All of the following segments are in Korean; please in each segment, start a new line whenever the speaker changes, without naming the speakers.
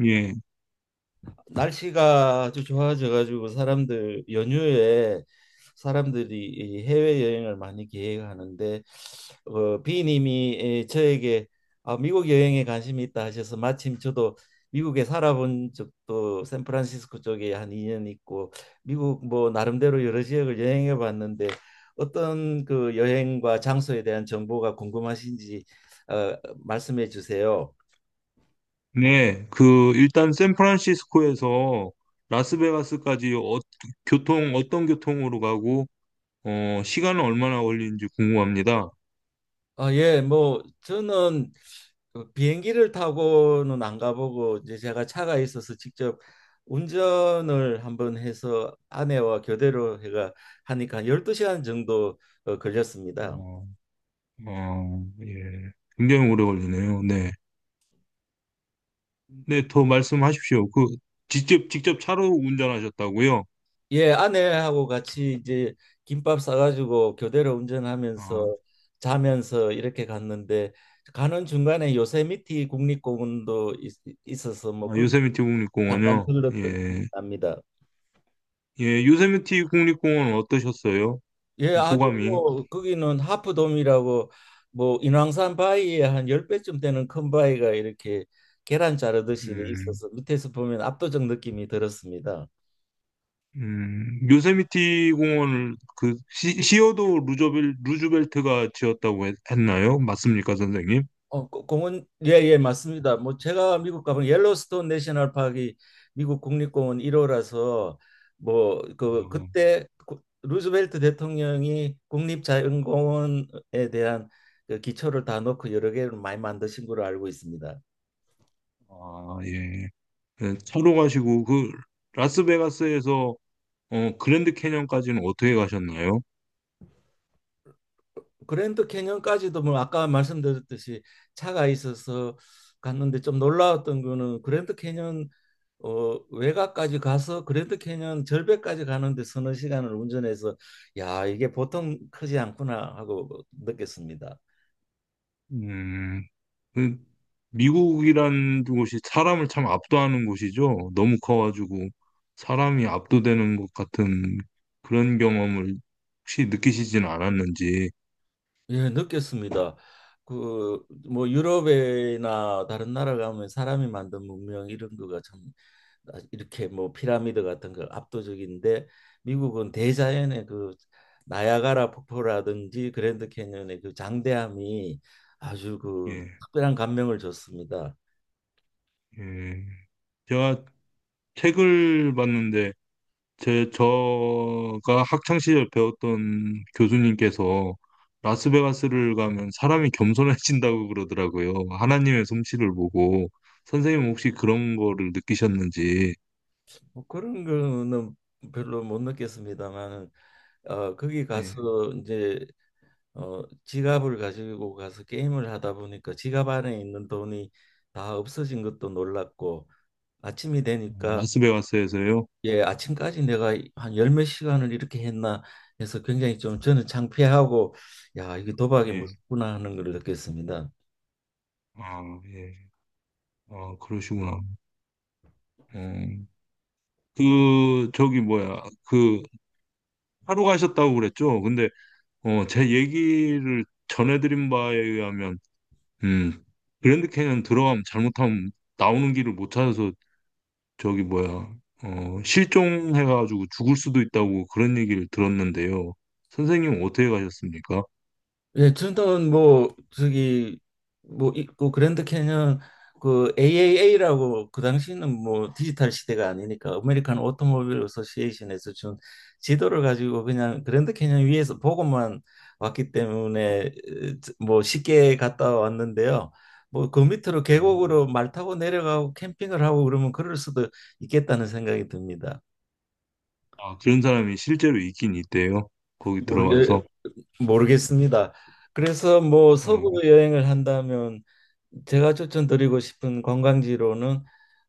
예.
날씨가 아주 좋아져가지고 사람들 연휴에 사람들이 이 해외 여행을 많이 계획하는데 비님이 저에게 아, 미국 여행에 관심이 있다 하셔서 마침 저도 미국에 살아본 적도 샌프란시스코 쪽에 한 2년 있고 미국 뭐 나름대로 여러 지역을 여행해 봤는데 어떤 그 여행과 장소에 대한 정보가 궁금하신지 어, 말씀해 주세요.
네. 그 일단 샌프란시스코에서 라스베가스까지 교통 어떤 교통으로 가고 시간은 얼마나 걸리는지 궁금합니다.
아, 예, 뭐 저는 그 비행기를 타고는 안 가보고 이제 제가 차가 있어서 직접 운전을 한번 해서 아내와 교대로 해가 하니까 12시간 정도 걸렸습니다.
어, 예. 굉장히 오래 걸리네요. 네. 네, 더 말씀하십시오. 그 직접 차로 운전하셨다고요?
예, 아내하고 같이 이제 김밥 싸가지고 교대로
아,
운전하면서 자면서 이렇게 갔는데 가는 중간에 요세미티 국립공원도 있어서 뭐
아,
거기
요세미티
잠깐
국립공원요.
들렀던 기억이
예.
납니다.
예, 요세미티 국립공원 어떠셨어요?
예,
그
아주
소감이?
뭐 거기는 하프돔이라고 뭐 인왕산 바위에 한 10배쯤 되는 큰 바위가 이렇게 계란 자르듯이 돼
음.
있어서 밑에서 보면 압도적 느낌이 들었습니다.
요세미티 공원을 그 시어도 루즈벨트가 지었다고 했, 나요 맞습니까, 선생님?
공원 예, 예, 맞습니다. 뭐 제가 미국 가면 옐로스톤 내셔널 파크이 미국 국립공원 1호라서 뭐 그
어,
그때 루즈벨트 대통령이 국립자연공원에 대한 그 기초를 다 놓고 여러 개를 많이 만드신 걸로 알고 있습니다.
아, 예. 네, 차로 가시고 그 라스베가스에서 그랜드 캐년까지는 어떻게 가셨나요?
그랜드 캐년까지도 뭐 아까 말씀드렸듯이 차가 있어서 갔는데 좀 놀라웠던 거는 그랜드 캐년 외곽까지 가서 그랜드 캐년 절벽까지 가는데 서너 시간을 운전해서 야, 이게 보통 크지 않구나 하고 느꼈습니다.
음, 그 미국이란 곳이 사람을 참 압도하는 곳이죠. 너무 커가지고 사람이 압도되는 것 같은 그런 경험을 혹시 느끼시진 않았는지.
예, 느꼈습니다. 그 뭐 유럽이나 다른 나라 가면 사람이 만든 문명 이런 거가 참 아, 이렇게 뭐 피라미드 같은 거 압도적인데 미국은 대자연의 그 나야가라 폭포라든지 그랜드 캐니언의 그 장대함이 아주 그
예,
특별한 감명을 줬습니다.
예. 제가 책을 봤는데 제 저가 학창 시절 배웠던 교수님께서 라스베가스를 가면 사람이 겸손해진다고 그러더라고요. 하나님의 솜씨를 보고 선생님 혹시 그런 거를 느끼셨는지
뭐 그런 거는 별로 못 느꼈습니다만은 거기
예.
가서 이제 지갑을 가지고 가서 게임을 하다 보니까 지갑 안에 있는 돈이 다 없어진 것도 놀랐고 아침이
아,
되니까
라스베가스에서요?
예, 아침까지 내가 한 열 몇 시간을 이렇게 했나 해서 굉장히 좀 저는 창피하고 야, 이게 도박이
예.
무섭구나 하는 걸 느꼈습니다.
아, 예. 아, 그러시구나. 어, 그 저기 뭐야? 그 하루 가셨다고 그랬죠? 근데 제 얘기를 전해드린 바에 의하면 음, 그랜드 캐년 들어가면 잘못하면 나오는 길을 못 찾아서 저기 뭐야, 실종해가지고 죽을 수도 있다고 그런 얘기를 들었는데요. 선생님은 어떻게 가셨습니까?
예, 저는 뭐 저기 뭐 있고 그랜드 캐년 그 AAA라고 그 당시는 뭐 디지털 시대가 아니니까 아메리칸 오토모빌 어소시에이션에서 준 지도를 가지고 그냥 그랜드 캐년 위에서 보고만 왔기 때문에 에, 뭐 쉽게 갔다 왔는데요. 뭐 그 밑으로
음.
계곡으로 말 타고 내려가고 캠핑을 하고 그러면 그럴 수도 있겠다는 생각이 듭니다.
아, 그런 사람이 실제로 있긴 있대요. 거기
모르게
들어가서.
모르겠습니다. 그래서 뭐
어,
서부 여행을 한다면 제가 추천드리고 싶은 관광지로는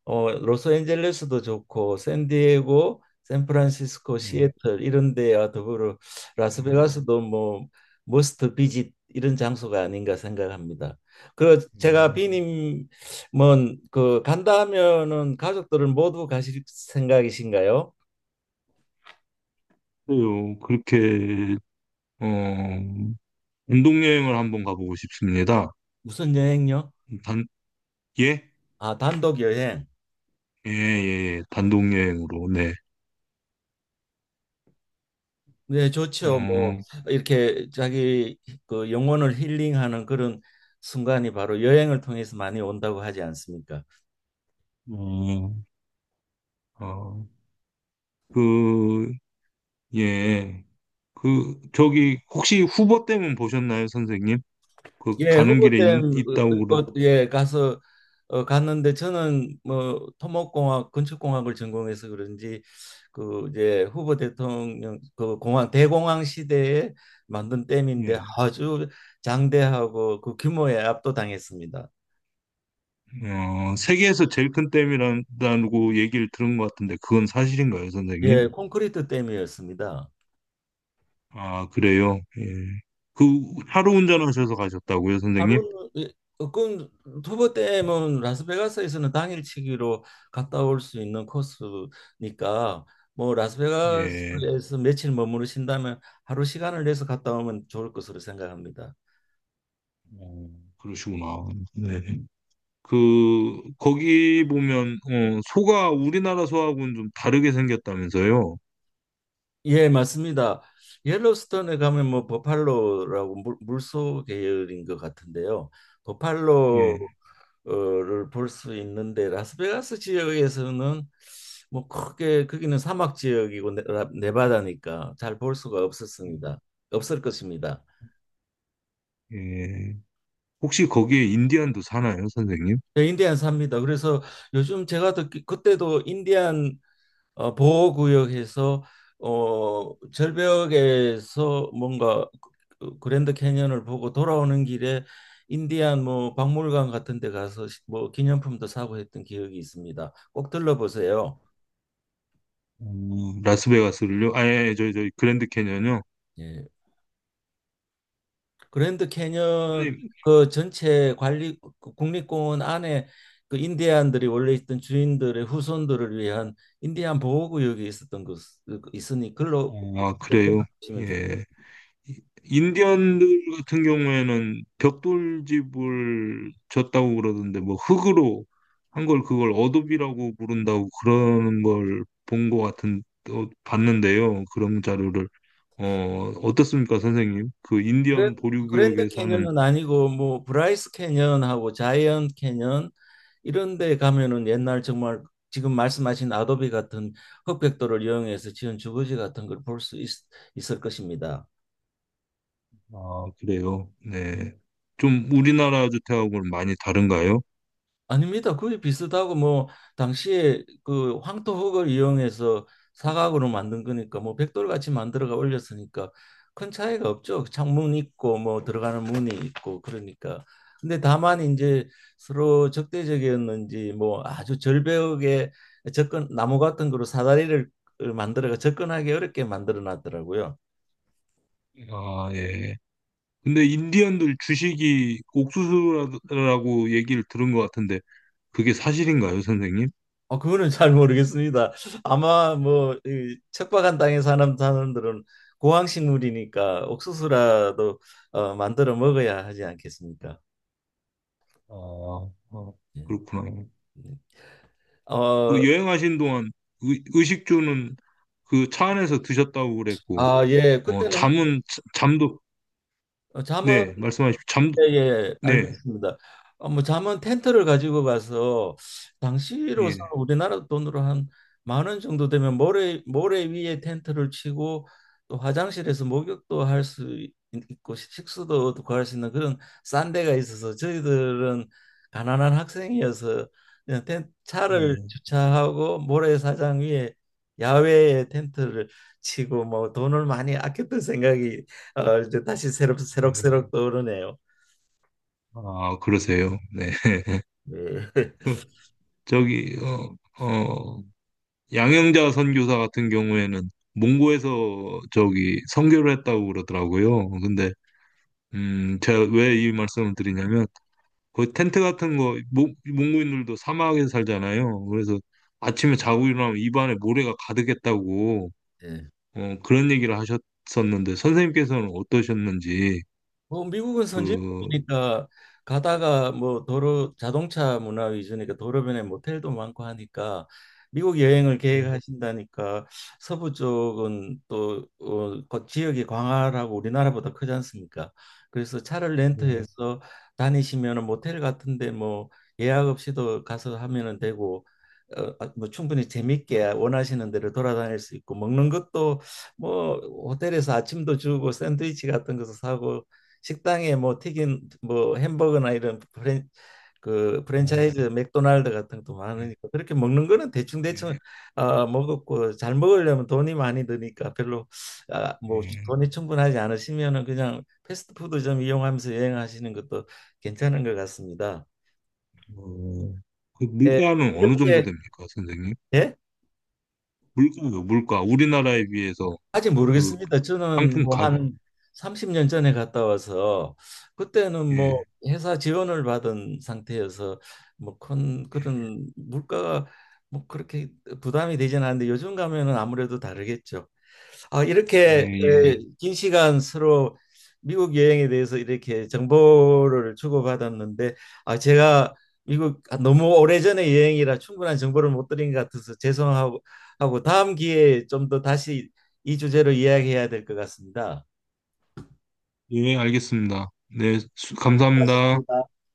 로스앤젤레스도 좋고 샌디에고, 샌프란시스코,
예,
시애틀 이런 데와 더불어
어,
라스베가스도 뭐 머스트 비짓 이런 장소가 아닌가 생각합니다. 그 제가
예.
비님 뭐그 간다 하면은 가족들은 모두 가실 생각이신가요?
그래요. 그렇게, 어, 단독여행을 한번 가보고 싶습니다.
무슨 여행요?
단, 예?
아, 단독 여행.
예, 예, 예. 단독여행으로, 네.
네, 좋죠. 뭐
어,
이렇게 자기 그 영혼을 힐링하는 그런 순간이 바로 여행을 통해서 많이 온다고 하지 않습니까?
음, 어. 그, 예. 저기, 혹시 후보 때문 보셨나요, 선생님?
예,
가는 길에
후보댐
있, 다고 그러,
예 가서 갔는데 저는 뭐 토목공학 건축공학을 전공해서 그런지 그 이제 후보 대통령 그 공항 대공황 시대에 만든 댐인데
예.
아주 장대하고 그 규모에 압도당했습니다.
세계에서 제일 큰 댐이라고 얘기를 들은 것 같은데, 그건 사실인가요, 선생님?
예, 콘크리트 댐이었습니다.
아, 그래요? 예. 그, 하루 운전하셔서 가셨다고요, 선생님?
하루는 예, 그 두번 때면 라스베가스에서는 당일치기로 갔다 올 수 있는 코스니까 뭐
예.
라스베가스에서 며칠 머무르신다면 하루 시간을 내서 갔다 오면 좋을 것으로 생각합니다.
어, 그러시구나. 네. 거기 보면, 소가 우리나라 소하고는 좀 다르게 생겼다면서요?
예, 맞습니다. 옐로스톤에 가면 뭐 버팔로라고 물소 계열인 것 같은데요. 버팔로
예.
어를 볼 수 있는데 라스베가스 지역에서는 뭐 크게 거기는 사막 지역이고 네바다니까 잘 볼 수가 없었습니다. 없을 것입니다.
예. 혹시 거기에 인디안도 사나요, 선생님?
저 인디안 삽니다. 그래서 요즘 제가 듣기 그때도 인디안 보호구역에서 절벽에서 뭔가 그 그랜드 캐니언을 보고 돌아오는 길에 인디안 뭐 박물관 같은 데 가서 뭐 기념품도 사고 했던 기억이 있습니다. 꼭 들러보세요.
어, 라스베가스를요? 아, 예, 예, 저, 저, 그랜드 캐년이요?
예. 그랜드 캐년
선생님,
그 전체 관리 그 국립공원 안에 그 인디안들이 원래 있던 주인들의 후손들을 위한 인디안 보호구역이 있었던 것 있으니 글로
아, 그래요?
보시면 좋고
예. 인디언들 같은 경우에는 벽돌집을 졌다고 그러던데, 뭐, 흙으로 한 걸 그걸 어도비라고 부른다고 그러는 걸 본 것 같은, 봤는데요. 그런 자료를. 어떻습니까, 선생님? 그
그
인디언 보류
그랜드
구역에 사는
캐년은 아니고 뭐 브라이스 캐년하고 자이언트 캐년 이런 데 가면은 옛날 정말 지금 말씀하신 아도비 같은 흑백도를 이용해서 지은 주거지 같은 걸 볼 수 있을 것입니다.
아, 그래요. 네. 좀 우리나라 주택하고는 많이 다른가요?
아닙니다. 거의 비슷하고 뭐 당시에 그 황토흙을 이용해서 사각으로 만든 거니까 뭐 벽돌같이 만들어가 올렸으니까 큰 차이가 없죠. 창문 있고 뭐 들어가는 문이 있고 그러니까. 근데 다만 이제 서로 적대적이었는지 뭐 아주 절벽에 접근 나무 같은 거로 사다리를 만들어가 접근하기 어렵게 만들어 놨더라고요.
아, 예. 근데 인디언들 주식이 옥수수라고 얘기를 들은 것 같은데 그게 사실인가요, 선생님?
그거는 잘 모르겠습니다. 아마 뭐 이, 척박한 땅에 사는 사람들은 고황식물이니까 옥수수라도 만들어 먹어야 하지 않겠습니까?
아,
예.
그렇구나.
네.
그
어,
여행하신 동안 의식주는 그 차 안에서 드셨다고 그랬고,
아, 예. 그때는
잠은, 잠도,
잠은
네, 말씀하십시오. 잠, 도
예, 예, 예.
네,
알겠습니다. 뭐 잠은 텐트를 가지고 가서 당시로서
예,
우리나라 돈으로 한 10,000원 정도 되면 모래 위에 텐트를 치고 또 화장실에서 목욕도 할 수 있고 식수도 구할 수 있는 그런 싼 데가 있어서 저희들은 가난한 학생이어서 그냥 차를
예,
주차하고 모래사장 위에 야외에 텐트를 치고 뭐 돈을 많이 아꼈던 생각이 이제 다시
예.
새록새록 떠오르네요.
아, 그러세요. 네.
네.
저기, 어, 양영자 선교사 같은 경우에는 몽고에서 저기 선교를 했다고 그러더라고요. 근데 제가 왜 이 말씀을 드리냐면 거기 텐트 같은 거 몽고인들도 사막에 살잖아요. 그래서 아침에 자고 일어나면 입안에 모래가 가득했다고
예.
그런 얘기를 하셨었는데 선생님께서는 어떠셨는지
뭐 미국은
그
선진국이니까 가다가 뭐 도로 자동차 문화 위주니까 도로변에 모텔도 많고 하니까 미국 여행을
어,
계획하신다니까 서부 쪽은 또 그 지역이 광활하고 우리나라보다 크지 않습니까? 그래서 차를
네.
렌트해서 다니시면은 모텔 같은데 뭐 예약 없이도 가서 하면은 되고 뭐 충분히 재밌게 원하시는 대로 돌아다닐 수 있고 먹는 것도 뭐 호텔에서 아침도 주고 샌드위치 같은 것도 사고 식당에 뭐 튀긴 뭐 햄버거나 이런 프랜 그
아,
프랜차이즈 맥도날드 같은 것도
예,
많으니까 그렇게 먹는 거는 대충
예,
대충 먹었고 잘 먹으려면 돈이 많이 드니까 별로 아, 뭐
예.
돈이 충분하지 않으시면은 그냥 패스트푸드 좀 이용하면서 여행하시는 것도 괜찮은 것 같습니다.
어, 그
예,
물가는 어느 정도
이렇게
됩니까, 선생님?
예?
물가요, 물가. 우리나라에 비해서
아직
그
모르겠습니다. 저는
상품
뭐
가격.
한 30년 전에 갔다 와서 그때는 뭐
예,
회사 지원을 받은 상태여서 뭐 큰 그런 물가가 뭐 그렇게 부담이 되지는 않는데 요즘 가면은 아무래도 다르겠죠. 아,
예,
이렇게
예, 예.
긴 시간 서로 미국 여행에 대해서 이렇게 정보를 주고받았는데 아, 제가 미국 아, 너무 오래전에 여행이라 충분한 정보를 못 드린 것 같아서 죄송하고 하고 다음 기회에 좀 더 다시 이 주제로 이야기해야 될 것 같습니다.
예, 알겠습니다. 네,
고습니
감사합니다.
다